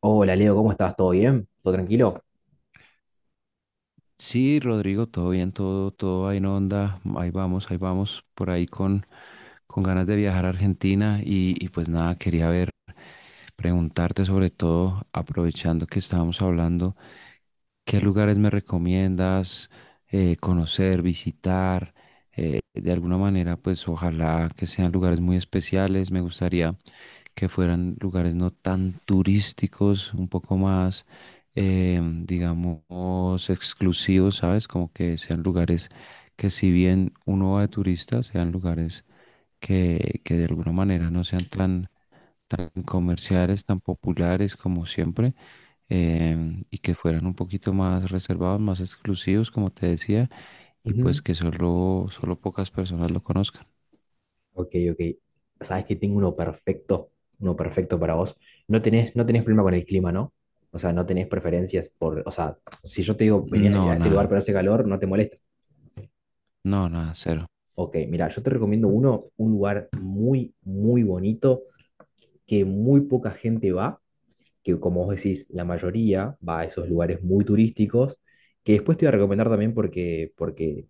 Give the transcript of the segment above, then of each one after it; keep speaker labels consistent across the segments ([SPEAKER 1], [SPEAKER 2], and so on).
[SPEAKER 1] Hola Leo, ¿cómo estás? ¿Todo bien? ¿Todo tranquilo?
[SPEAKER 2] Sí, Rodrigo, todo bien, todo, todo ahí en onda, ahí vamos, por ahí con ganas de viajar a Argentina y pues nada, quería ver, preguntarte sobre todo, aprovechando que estábamos hablando, ¿qué lugares me recomiendas conocer, visitar? De alguna manera, pues ojalá que sean lugares muy especiales, me gustaría que fueran lugares no tan turísticos, un poco más, eh, digamos, exclusivos, ¿sabes? Como que sean lugares que si bien uno va de turista, sean lugares que de alguna manera no sean tan, tan comerciales, tan populares como siempre, y que fueran un poquito más reservados, más exclusivos, como te decía, y pues
[SPEAKER 1] Ujú.
[SPEAKER 2] que solo, solo pocas personas lo conozcan.
[SPEAKER 1] Ok, ok. Sabes que tengo uno perfecto para vos. No tenés problema con el clima, ¿no? O sea, no tenés preferencias por, o sea, si yo te digo venía a
[SPEAKER 2] No,
[SPEAKER 1] este lugar
[SPEAKER 2] nada,
[SPEAKER 1] pero hace calor, no te molesta.
[SPEAKER 2] no, nada, cero.
[SPEAKER 1] Ok, mira, yo te recomiendo uno, un lugar muy, muy bonito que muy poca gente va, que como vos decís, la mayoría va a esos lugares muy turísticos, que después te voy a recomendar también porque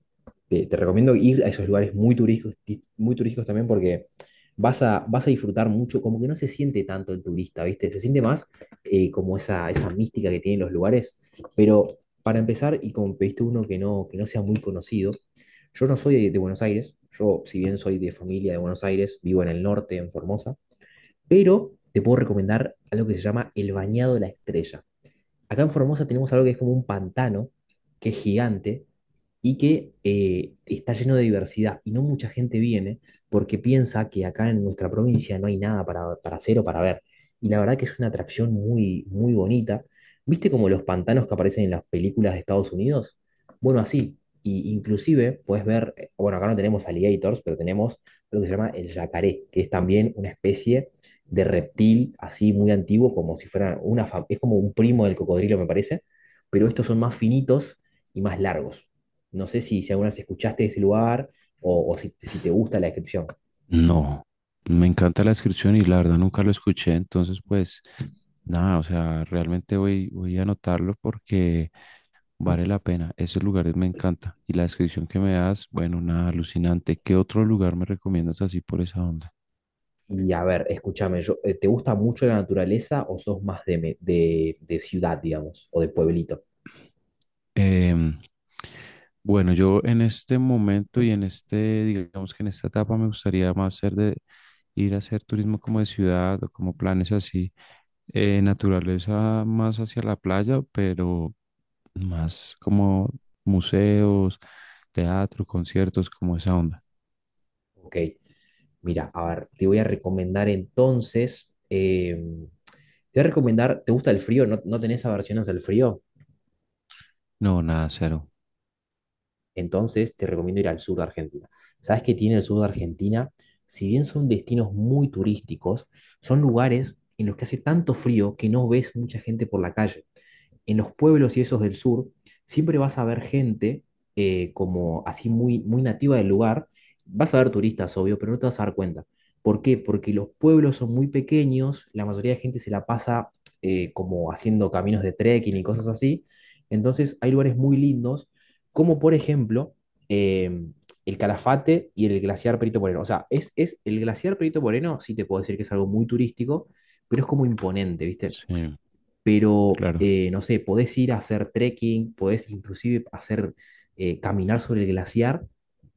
[SPEAKER 1] te recomiendo ir a esos lugares muy turísticos, muy turísticos también porque vas a disfrutar mucho, como que no se siente tanto el turista, ¿viste? Se siente más como esa mística que tienen los lugares, pero para empezar, y como pediste uno que no sea muy conocido, yo no soy de Buenos Aires. Yo si bien soy de familia de Buenos Aires, vivo en el norte, en Formosa, pero te puedo recomendar algo que se llama el Bañado de la Estrella. Acá en Formosa tenemos algo que es como un pantano, que es gigante y que está lleno de diversidad. Y no mucha gente viene porque piensa que acá en nuestra provincia no hay nada para, para hacer o para ver. Y la verdad que es una atracción muy, muy bonita. ¿Viste como los pantanos que aparecen en las películas de Estados Unidos? Bueno, así. Y inclusive puedes ver, bueno, acá no tenemos alligators, pero tenemos lo que se llama el yacaré, que es también una especie de reptil así muy antiguo, como si fuera una, es como un primo del cocodrilo, me parece, pero estos son más finitos y más largos. No sé si alguna vez escuchaste de ese lugar o si te gusta la descripción.
[SPEAKER 2] No, me encanta la descripción y la verdad nunca lo escuché, entonces pues nada, o sea, realmente voy, voy a anotarlo porque vale la pena, esos lugares me encanta y la descripción que me das, bueno, nada, alucinante. ¿Qué otro lugar me recomiendas así por esa onda?
[SPEAKER 1] Y a ver, escúchame, yo, ¿te gusta mucho la naturaleza o sos más de, de ciudad, digamos, o de pueblito?
[SPEAKER 2] Em, bueno, yo en este momento y en este, digamos que en esta etapa me gustaría más ser de ir a hacer turismo como de ciudad o como planes así, naturaleza más hacia la playa, pero... Más como museos, teatro, conciertos, como esa onda.
[SPEAKER 1] Ok, mira, a ver, te voy a recomendar entonces, te voy a recomendar, ¿te gusta el frío? ¿No, no tenés aversiones al frío?
[SPEAKER 2] No, nada, cero.
[SPEAKER 1] Entonces te recomiendo ir al sur de Argentina. ¿Sabes qué tiene el sur de Argentina? Si bien son destinos muy turísticos, son lugares en los que hace tanto frío que no ves mucha gente por la calle en los pueblos y esos del sur, siempre vas a ver gente como así muy, muy nativa del lugar. Vas a ver turistas, obvio, pero no te vas a dar cuenta. ¿Por qué? Porque los pueblos son muy pequeños, la mayoría de gente se la pasa como haciendo caminos de trekking y cosas así. Entonces hay lugares muy lindos, como por ejemplo eh, el Calafate y el glaciar Perito Moreno. O sea, es el glaciar Perito Moreno, sí te puedo decir que es algo muy turístico, pero es como imponente, ¿viste?
[SPEAKER 2] Sí,
[SPEAKER 1] Pero
[SPEAKER 2] claro.
[SPEAKER 1] no sé, podés ir a hacer trekking, podés inclusive hacer caminar sobre el glaciar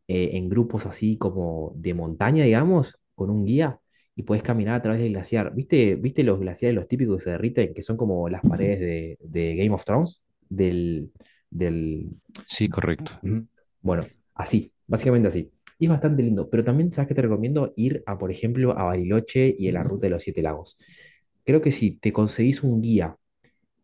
[SPEAKER 1] en grupos así como de montaña, digamos, con un guía y podés caminar a través del glaciar. ¿Viste, viste los glaciares, los típicos que se derriten, que son como las paredes de Game of Thrones? Del, del...
[SPEAKER 2] Sí, correcto.
[SPEAKER 1] Mm. Bueno, así, básicamente así. Y es bastante lindo, pero también, ¿sabes qué te recomiendo? Ir a, por ejemplo, a Bariloche y a la Ruta de los Siete Lagos. Creo que si te conseguís un guía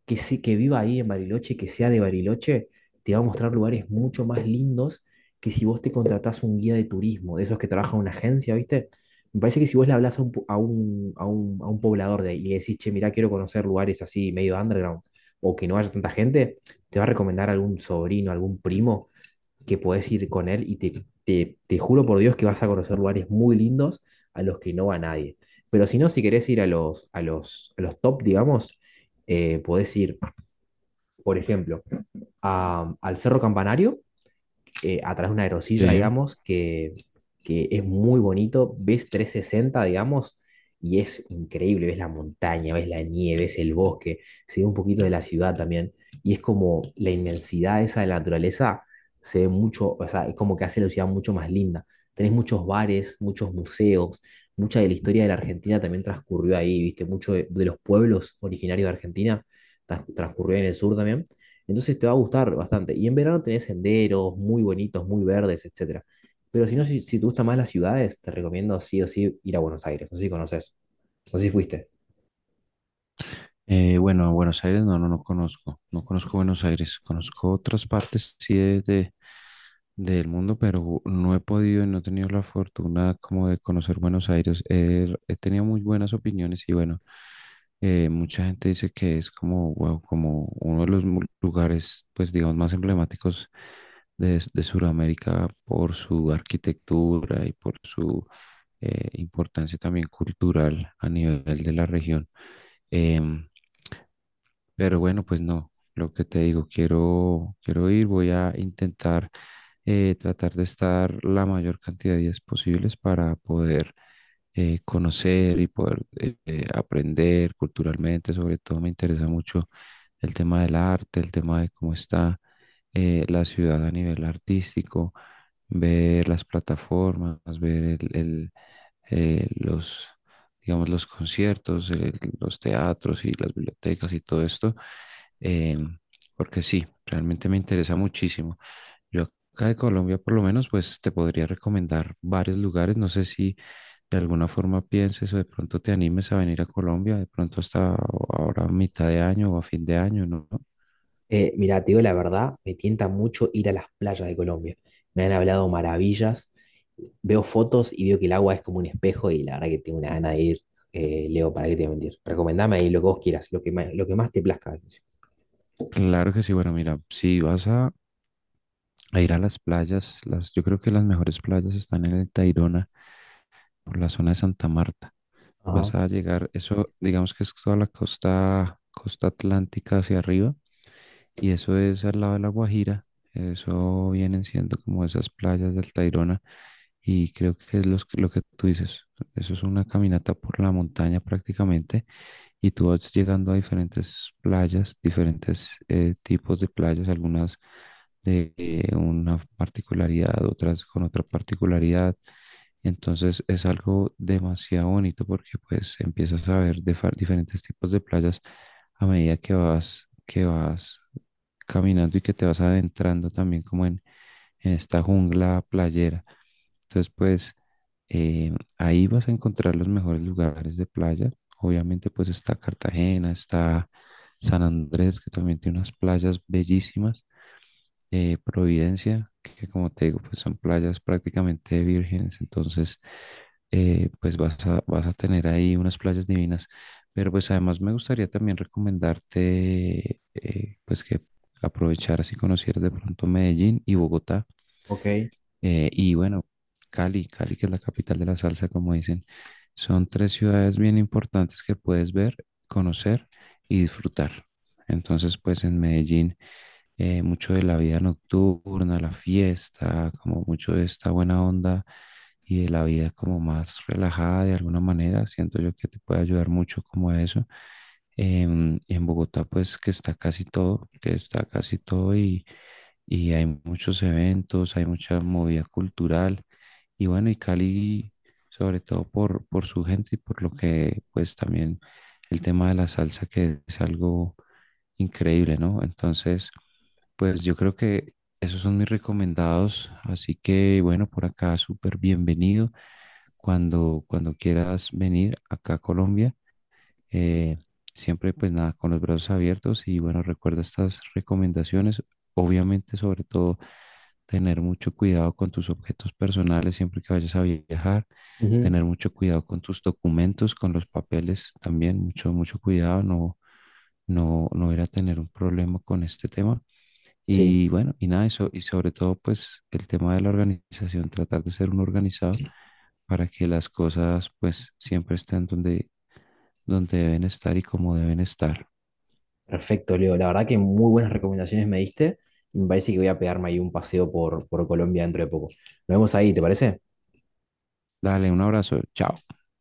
[SPEAKER 1] que viva ahí en Bariloche, que sea de Bariloche, te va a mostrar lugares mucho más lindos que si vos te contratás un guía de turismo, de esos que trabaja en una agencia, ¿viste? Me parece que si vos le hablas a a a un poblador de ahí y le decís, che, mirá, quiero conocer lugares así medio underground o que no haya tanta gente, te va a recomendar algún sobrino, algún primo que podés ir con él y te juro por Dios que vas a conocer lugares muy lindos a los que no va nadie. Pero si no, si querés ir a a los top, digamos, podés ir por ejemplo, al Cerro Campanario, a través de una aerosilla,
[SPEAKER 2] Sí.
[SPEAKER 1] digamos, que es muy bonito, ves 360 digamos, y es increíble, ves la montaña, ves la nieve, ves el bosque, se ve un poquito de la ciudad también, y es como la inmensidad esa de la naturaleza, se ve mucho, o sea, es como que hace la ciudad mucho más linda. Tenés muchos bares, muchos museos, mucha de la historia de la Argentina también transcurrió ahí, viste, mucho de los pueblos originarios de Argentina transcurrió en el sur también. Entonces te va a gustar bastante. Y en verano tenés senderos muy bonitos, muy verdes, etcétera. Pero si no, si te gustan más las ciudades, te recomiendo sí o sí ir a Buenos Aires. No sé si conoces, no sé si fuiste.
[SPEAKER 2] Bueno, a Buenos Aires no conozco. No conozco Buenos Aires. Conozco otras partes, sí, del mundo, pero no he podido y no he tenido la fortuna como de conocer Buenos Aires. He tenido muy buenas opiniones y bueno, mucha gente dice que es como wow, como uno de los lugares, pues digamos, más emblemáticos de Sudamérica por su arquitectura y por su importancia también cultural a nivel de la región. Em, pero bueno, pues no, lo que te digo, quiero, quiero ir, voy a intentar tratar de estar la mayor cantidad de días posibles para poder conocer y poder aprender culturalmente. Sobre todo me interesa mucho el tema del arte, el tema de cómo está la ciudad a nivel artístico, ver las plataformas, ver los, digamos, los conciertos, los teatros y las bibliotecas y todo esto, eh, porque sí, realmente me interesa muchísimo. Yo acá de Colombia, por lo menos, pues te podría recomendar varios lugares. No sé si de alguna forma pienses o de pronto te animes a venir a Colombia, de pronto hasta ahora a mitad de año o a fin de año, ¿no?
[SPEAKER 1] Mira, te digo la verdad, me tienta mucho ir a las playas de Colombia. Me han hablado maravillas. Veo fotos y veo que el agua es como un espejo y la verdad que tengo una gana de ir. Leo, ¿para qué te voy a mentir? Recomendame ahí lo que vos quieras, lo que más te plazca.
[SPEAKER 2] Claro que sí, bueno, mira, si vas a ir a las playas. Las, yo creo que las mejores playas están en el Tayrona, por la zona de Santa Marta.
[SPEAKER 1] Ajá.
[SPEAKER 2] Vas a llegar, eso digamos que es toda la costa, costa atlántica hacia arriba, y eso es al lado de la Guajira. Eso vienen siendo como esas playas del Tayrona, y creo que es lo que tú dices. Eso es una caminata por la montaña prácticamente y tú vas llegando a diferentes playas, diferentes tipos de playas, algunas de una particularidad, otras con otra particularidad. Entonces es algo demasiado bonito porque pues empiezas a ver diferentes tipos de playas a medida que vas caminando y que te vas adentrando también como en esta jungla playera. Entonces, pues ahí vas a encontrar los mejores lugares de playa. Obviamente, pues está Cartagena, está San Andrés, que también tiene unas playas bellísimas. Providencia, que como te digo, pues son playas prácticamente vírgenes. Entonces, pues vas a, vas a tener ahí unas playas divinas. Pero pues además me gustaría también recomendarte, pues que aprovecharas y conocieras de pronto Medellín y Bogotá,
[SPEAKER 1] Ok.
[SPEAKER 2] y bueno, Cali, Cali, que es la capital de la salsa, como dicen, son tres ciudades bien importantes que puedes ver, conocer y disfrutar. Entonces, pues en Medellín, mucho de la vida nocturna, la fiesta, como mucho de esta buena onda y de la vida como más relajada de alguna manera, siento yo que te puede ayudar mucho como a eso. En Bogotá, pues que está casi todo, que está casi todo y hay muchos eventos, hay mucha movida cultural y bueno, y Cali sobre todo por su gente y por lo que pues también el tema de la salsa que es algo increíble, ¿no? Entonces, pues yo creo que esos son mis recomendados, así que bueno, por acá súper bienvenido cuando, cuando quieras venir acá a Colombia. Eh, Siempre pues nada, con los brazos abiertos y bueno, recuerda estas recomendaciones. Obviamente, sobre todo, tener mucho cuidado con tus objetos personales siempre que vayas a viajar,
[SPEAKER 1] Ujú.
[SPEAKER 2] tener mucho cuidado con tus documentos, con los papeles también, mucho, mucho cuidado, no ir a tener un problema con este tema.
[SPEAKER 1] Sí.
[SPEAKER 2] Y bueno, y nada, eso, y sobre todo, pues el tema de la organización, tratar de ser un organizado para que las cosas, pues siempre estén donde, donde deben estar y como deben estar.
[SPEAKER 1] Perfecto, Leo. La verdad que muy buenas recomendaciones me diste. Me parece que voy a pegarme ahí un paseo por Colombia dentro de poco. Nos vemos ahí, ¿te parece?
[SPEAKER 2] Dale, un abrazo, chao.